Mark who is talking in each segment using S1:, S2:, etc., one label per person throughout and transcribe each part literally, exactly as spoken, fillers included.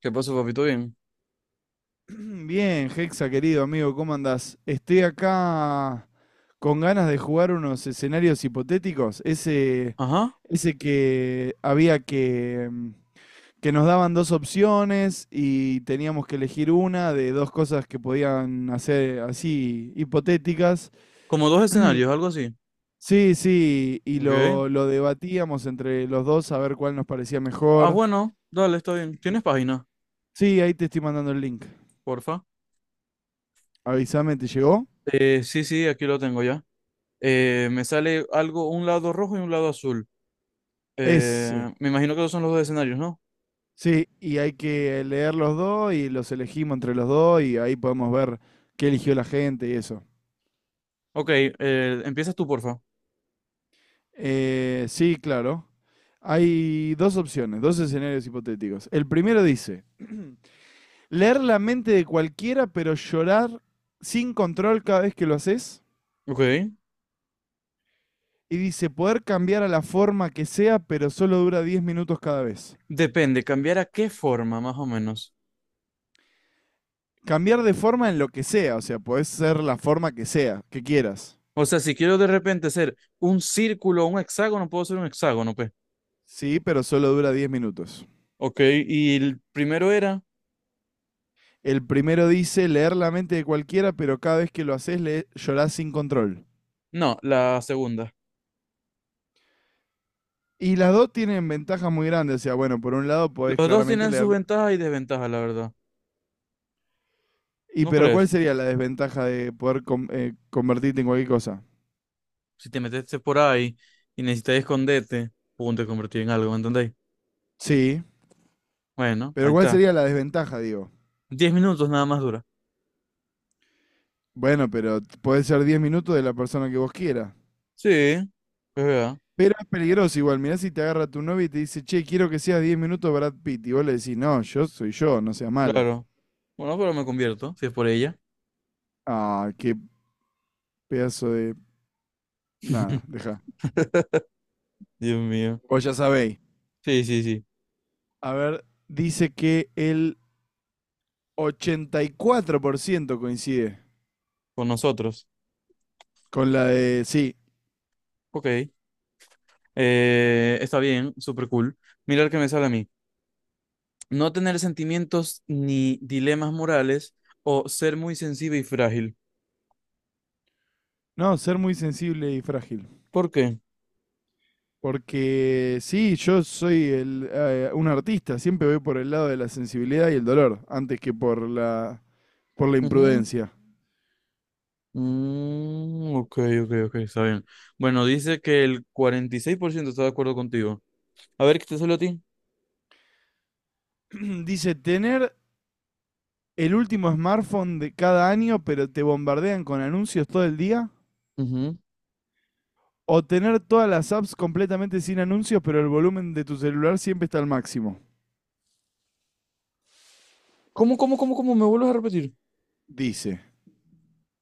S1: ¿Qué pasó, papito? Bien.
S2: Bien, Hexa, querido amigo, ¿cómo andás? Estoy acá con ganas de jugar unos escenarios hipotéticos. Ese,
S1: Ajá.
S2: ese que había que, mm, que nos daban dos opciones y teníamos que elegir una de dos cosas que podían hacer así hipotéticas.
S1: Como dos escenarios, algo así.
S2: Sí, sí, y
S1: Ok.
S2: lo, lo debatíamos entre los dos a ver cuál nos parecía
S1: Ah,
S2: mejor.
S1: bueno, dale, está bien. ¿Tienes página?
S2: Sí, ahí te estoy mandando el link.
S1: Porfa.
S2: Avísame, ¿te llegó?
S1: Eh, sí, sí, aquí lo tengo ya. Eh, me sale algo, un lado rojo y un lado azul.
S2: Ese.
S1: Eh, me imagino que esos son los dos escenarios, ¿no?
S2: Sí, y hay que leer los dos y los elegimos entre los dos y ahí podemos ver qué eligió la gente y eso.
S1: Ok, eh, empiezas tú, porfa.
S2: Eh, sí, claro. Hay dos opciones, dos escenarios hipotéticos. El primero dice, leer la mente de cualquiera pero llorar sin control cada vez que lo haces.
S1: Ok.
S2: Y dice, poder cambiar a la forma que sea pero solo dura diez minutos cada vez.
S1: Depende, cambiar a qué forma, más o menos.
S2: Cambiar de forma en lo que sea, o sea, podés ser la forma que sea, que quieras.
S1: O sea, si quiero de repente ser un círculo o un hexágono, puedo ser un hexágono, pues.
S2: Sí, pero solo dura diez minutos.
S1: Ok, y el primero era.
S2: El primero dice leer la mente de cualquiera, pero cada vez que lo haces le llorás sin control.
S1: No, la segunda.
S2: Y las dos tienen ventajas muy grandes. O sea, bueno, por un lado podés
S1: Los dos
S2: claramente
S1: tienen sus
S2: leer.
S1: ventajas y desventajas, la verdad.
S2: Y
S1: ¿No
S2: pero ¿cuál
S1: crees?
S2: sería la desventaja de poder com- eh, convertirte en cualquier cosa?
S1: Si te metiste por ahí y necesitas esconderte, pum, te convertí en algo, ¿me entendéis?
S2: Sí.
S1: Bueno, ahí
S2: Pero ¿cuál
S1: está.
S2: sería la desventaja, digo?
S1: Diez minutos nada más dura.
S2: Bueno, pero t- ser diez minutos de la persona que vos quieras.
S1: Sí, es verdad,
S2: Pero es peligroso igual. Mirá si te agarra tu novia y te dice, che, quiero que seas diez minutos Brad Pitt. Y vos le decís, no, yo soy yo, no seas mala.
S1: claro. Bueno, pero me convierto, si es por ella.
S2: Ah, qué pedazo de... Nada, deja.
S1: Dios mío.
S2: Vos ya sabéis.
S1: Sí, sí, sí.
S2: A ver, dice que el ochenta y cuatro por ciento coincide
S1: Con nosotros.
S2: con la de, sí,
S1: Ok. Eh, está bien, súper cool. Mira el que me sale a mí. No tener sentimientos ni dilemas morales o ser muy sensible y frágil.
S2: no, ser muy sensible y frágil.
S1: ¿Por qué?
S2: Porque sí, yo soy el, eh, un artista, siempre voy por el lado de la sensibilidad y el dolor, antes que por la, por la
S1: Ujú.
S2: imprudencia.
S1: Mm, ok, ok, ok, está bien. Bueno, dice que el cuarenta y seis por ciento está de acuerdo contigo. A ver, ¿qué te salió a ti?
S2: Dice, tener el último smartphone de cada año, pero te bombardean con anuncios todo el día.
S1: Ujú.
S2: O tener todas las apps completamente sin anuncios, pero el volumen de tu celular siempre está al máximo.
S1: ¿Cómo, cómo, cómo, cómo? ¿Me vuelves a repetir?
S2: Dice.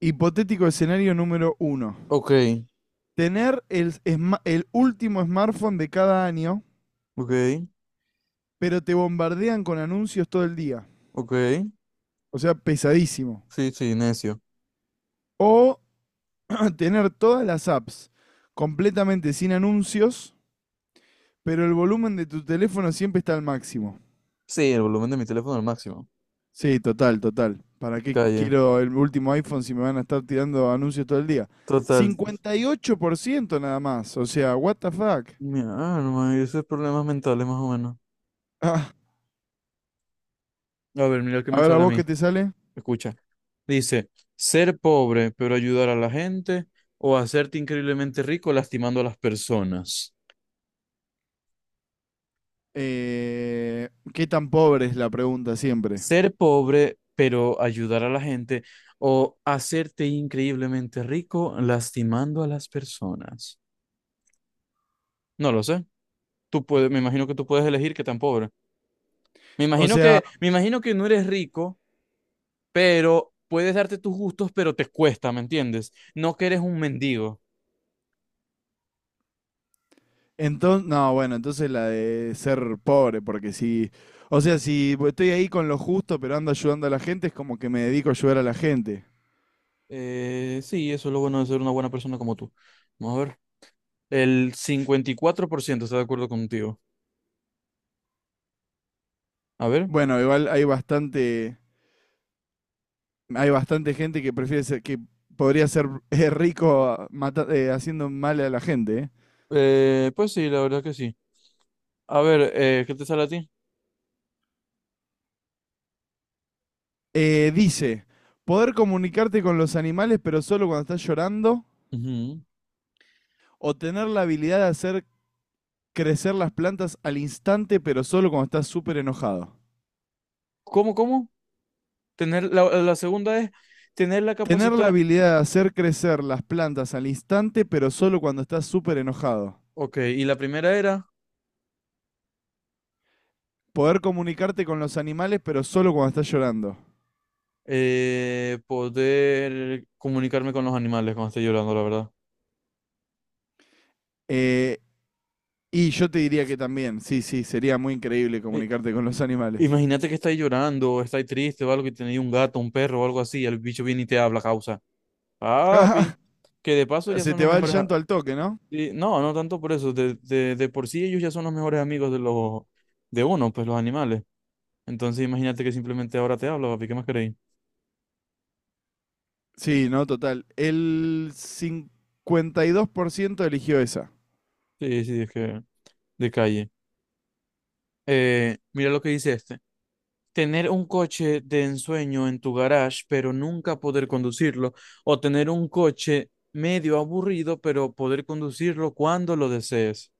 S2: Hipotético escenario número uno.
S1: Ok,
S2: Tener el, el último smartphone de cada año,
S1: ok,
S2: pero te bombardean con anuncios todo el día.
S1: ok.
S2: O sea, pesadísimo.
S1: Sí, sí, necio.
S2: O tener todas las apps completamente sin anuncios, pero el volumen de tu teléfono siempre está al máximo.
S1: Sí, el volumen de mi teléfono al máximo.
S2: Sí, total, total. ¿Para qué
S1: Calle.
S2: quiero el último iPhone si me van a estar tirando anuncios todo el día?
S1: Total.
S2: cincuenta y ocho por ciento nada más. O sea, what the fuck.
S1: Mi alma, y esos problemas mentales más o menos.
S2: Ah,
S1: A ver, mira el que
S2: a
S1: me
S2: ver, ¿a
S1: sale a
S2: vos
S1: mí.
S2: qué te sale?
S1: Escucha. Dice, ser pobre pero ayudar a la gente o hacerte increíblemente rico lastimando a las personas.
S2: Eh, ¿Qué tan pobre es la pregunta siempre?
S1: Ser pobre, pero ayudar a la gente, o hacerte increíblemente rico lastimando a las personas. No lo sé. Tú puedes, me imagino que tú puedes elegir qué tan pobre. Me
S2: O
S1: imagino
S2: sea,
S1: que, me imagino que no eres rico, pero puedes darte tus gustos, pero te cuesta, ¿me entiendes? No que eres un mendigo.
S2: entonces, no, bueno, entonces la de ser pobre, porque si, o sea, si estoy ahí con lo justo, pero ando ayudando a la gente, es como que me dedico a ayudar a la gente.
S1: Eh, sí, eso es lo bueno de ser una buena persona como tú. Vamos a ver. El cincuenta y cuatro por ciento está de acuerdo contigo. A ver.
S2: Bueno, igual hay bastante, hay bastante gente que prefiere ser, que podría ser eh, rico mata- eh, haciendo mal a la gente. ¿Eh?
S1: Eh, pues sí, la verdad que sí. A ver, eh, ¿qué te sale a ti?
S2: Eh, dice, poder comunicarte con los animales, pero solo cuando estás llorando,
S1: Ujú.
S2: o tener la habilidad de hacer crecer las plantas al instante, pero solo cuando estás súper enojado.
S1: ¿Cómo, cómo? Tener la, la segunda es tener la
S2: Tener la
S1: capacidad.
S2: habilidad de hacer crecer las plantas al instante, pero solo cuando estás súper enojado.
S1: Ok, y la primera era
S2: Poder comunicarte con los animales, pero solo cuando estás llorando.
S1: eh, poder comunicarme con los animales cuando esté llorando, la verdad.
S2: Eh, y yo te diría que también, sí, sí, sería muy increíble
S1: Eh,
S2: comunicarte con los animales.
S1: imagínate que estáis llorando, o estáis triste o algo, que tenéis un gato, un perro o algo así, y el bicho viene y te habla, causa.
S2: Ah,
S1: Papi, que de paso ya
S2: se
S1: son
S2: te
S1: los
S2: va el
S1: mejores. A-
S2: llanto al toque, ¿no?
S1: y no, no tanto por eso, de, de, de por sí ellos ya son los mejores amigos de los de uno, pues los animales. Entonces imagínate que simplemente ahora te hablo papi, ¿qué más queréis?
S2: Sí, no, total. El cincuenta y dos por ciento eligió esa.
S1: Sí, sí, es que de calle. Eh, mira lo que dice este. Tener un coche de ensueño en tu garage, pero nunca poder conducirlo. O tener un coche medio aburrido, pero poder conducirlo cuando lo desees.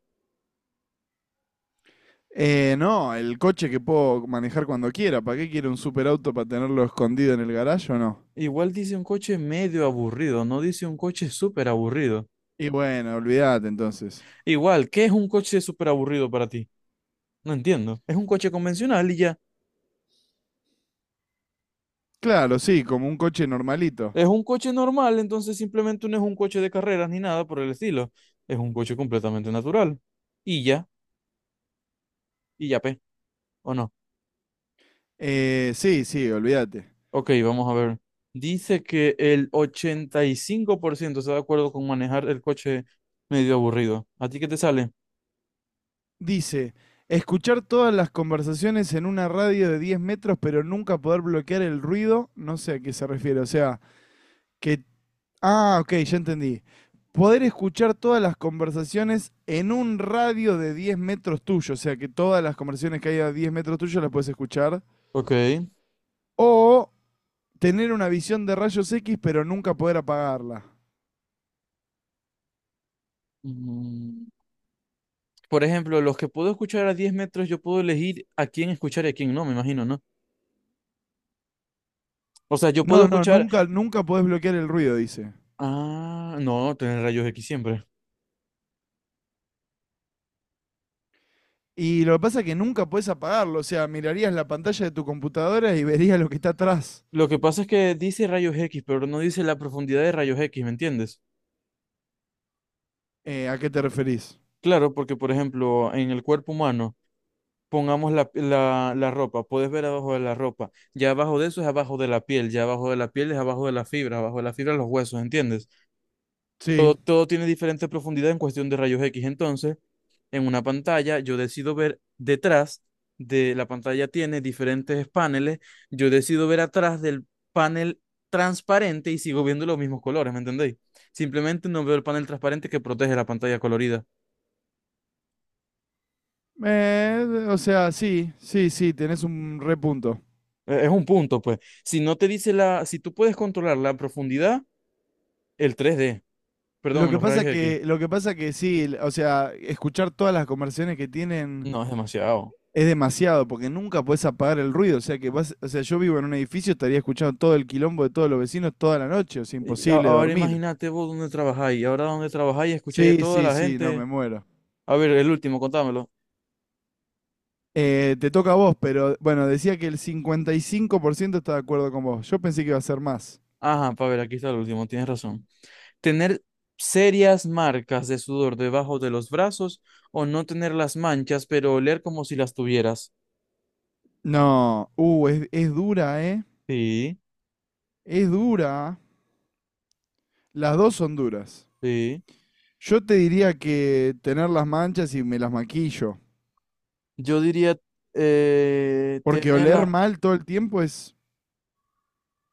S2: Eh, no, el coche que puedo manejar cuando quiera. ¿Para qué quiere un superauto para tenerlo escondido en el garaje o no?
S1: Igual dice un coche medio aburrido, no dice un coche súper aburrido.
S2: Y bueno, olvídate entonces.
S1: Igual, ¿qué es un coche súper aburrido para ti? No entiendo. Es un coche convencional y ya.
S2: Claro, sí, como un coche normalito.
S1: Es un coche normal, entonces simplemente no es un coche de carreras ni nada por el estilo. Es un coche completamente natural. Y ya, y ya, pe. ¿O no?
S2: Eh, sí, sí, olvídate.
S1: Ok, vamos a ver. Dice que el ochenta y cinco por ciento está de acuerdo con manejar el coche medio aburrido. ¿A ti qué te sale?
S2: Dice, escuchar todas las conversaciones en una radio de diez metros pero nunca poder bloquear el ruido, no sé a qué se refiere. O sea, que Ah, ok, ya entendí. Poder escuchar todas las conversaciones en un radio de diez metros tuyo, o sea que todas las conversaciones que hay a diez metros tuyo las puedes escuchar.
S1: Ok.
S2: O tener una visión de rayos X pero nunca poder apagarla.
S1: Mm, por ejemplo, los que puedo escuchar a diez metros, yo puedo elegir a quién escuchar y a quién no, me imagino, ¿no? O sea, yo puedo
S2: No, no,
S1: escuchar...
S2: nunca, nunca podés bloquear el ruido, dice.
S1: Ah, no, tener rayos X siempre.
S2: Y lo que pasa es que nunca podés apagarlo, o sea, mirarías la pantalla de tu computadora y verías lo que está atrás.
S1: Lo que pasa es que dice rayos X, pero no dice la profundidad de rayos X, ¿me entiendes?
S2: Eh, ¿a qué te referís?
S1: Claro, porque por ejemplo, en el cuerpo humano... Pongamos la, la, la ropa, puedes ver abajo de la ropa, ya abajo de eso es abajo de la piel, ya abajo de la piel es abajo de la fibra, abajo de la fibra los huesos, ¿entiendes? Todo,
S2: Sí.
S1: todo tiene diferente profundidad en cuestión de rayos X, entonces en una pantalla yo decido ver detrás de la pantalla tiene diferentes paneles, yo decido ver atrás del panel transparente y sigo viendo los mismos colores, ¿me entendéis? Simplemente no veo el panel transparente que protege la pantalla colorida.
S2: Eh, o sea, sí, sí, sí, tenés un repunto.
S1: Eh, Es un punto, pues. Si no te dice la, si tú puedes controlar la profundidad, el tres d
S2: Lo
S1: perdón,
S2: que
S1: los
S2: pasa
S1: rayos X.
S2: que, lo que pasa que sí, o sea, escuchar todas las conversaciones que tienen
S1: No, es demasiado.
S2: es demasiado, porque nunca podés apagar el ruido. O sea que vas, o sea, yo vivo en un edificio, estaría escuchando todo el quilombo de todos los vecinos toda la noche, o sea,
S1: Y a-
S2: imposible
S1: ahora
S2: dormir.
S1: imagínate vos dónde trabajáis. Ahora dónde trabajáis, escucháis a
S2: Sí,
S1: toda
S2: sí,
S1: la
S2: sí, no, me
S1: gente.
S2: muero.
S1: A ver, el último, contámelo.
S2: Eh, te toca a vos, pero bueno, decía que el cincuenta y cinco por ciento está de acuerdo con vos. Yo pensé que iba a ser más.
S1: Ajá, para ver, aquí está el último, tienes razón. Tener serias marcas de sudor debajo de los brazos o no tener las manchas, pero oler como si las tuvieras.
S2: No, uh, es, es dura, ¿eh?
S1: Sí,
S2: Es dura. Las dos son duras.
S1: sí.
S2: Yo te diría que tener las manchas y me las maquillo.
S1: Yo diría eh,
S2: Porque
S1: tener
S2: oler
S1: la-
S2: mal todo el tiempo es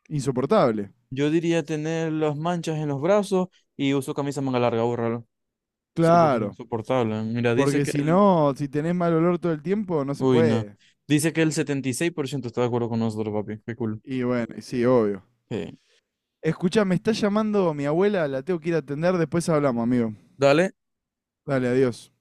S2: insoportable.
S1: yo diría tener las manchas en los brazos y uso camisa manga larga, bórralo. Sí, porque es
S2: Claro.
S1: insoportable. Mira, dice
S2: Porque
S1: que
S2: si
S1: el
S2: no, si tenés mal olor todo el tiempo, no se
S1: Uy, no.
S2: puede.
S1: Dice que el setenta y seis por ciento está de acuerdo con nosotros, papi. Qué cool.
S2: Y bueno, y sí, obvio.
S1: Eh,
S2: Escucha, me está llamando mi abuela, la tengo que ir a atender, después hablamos, amigo.
S1: dale.
S2: Dale, adiós.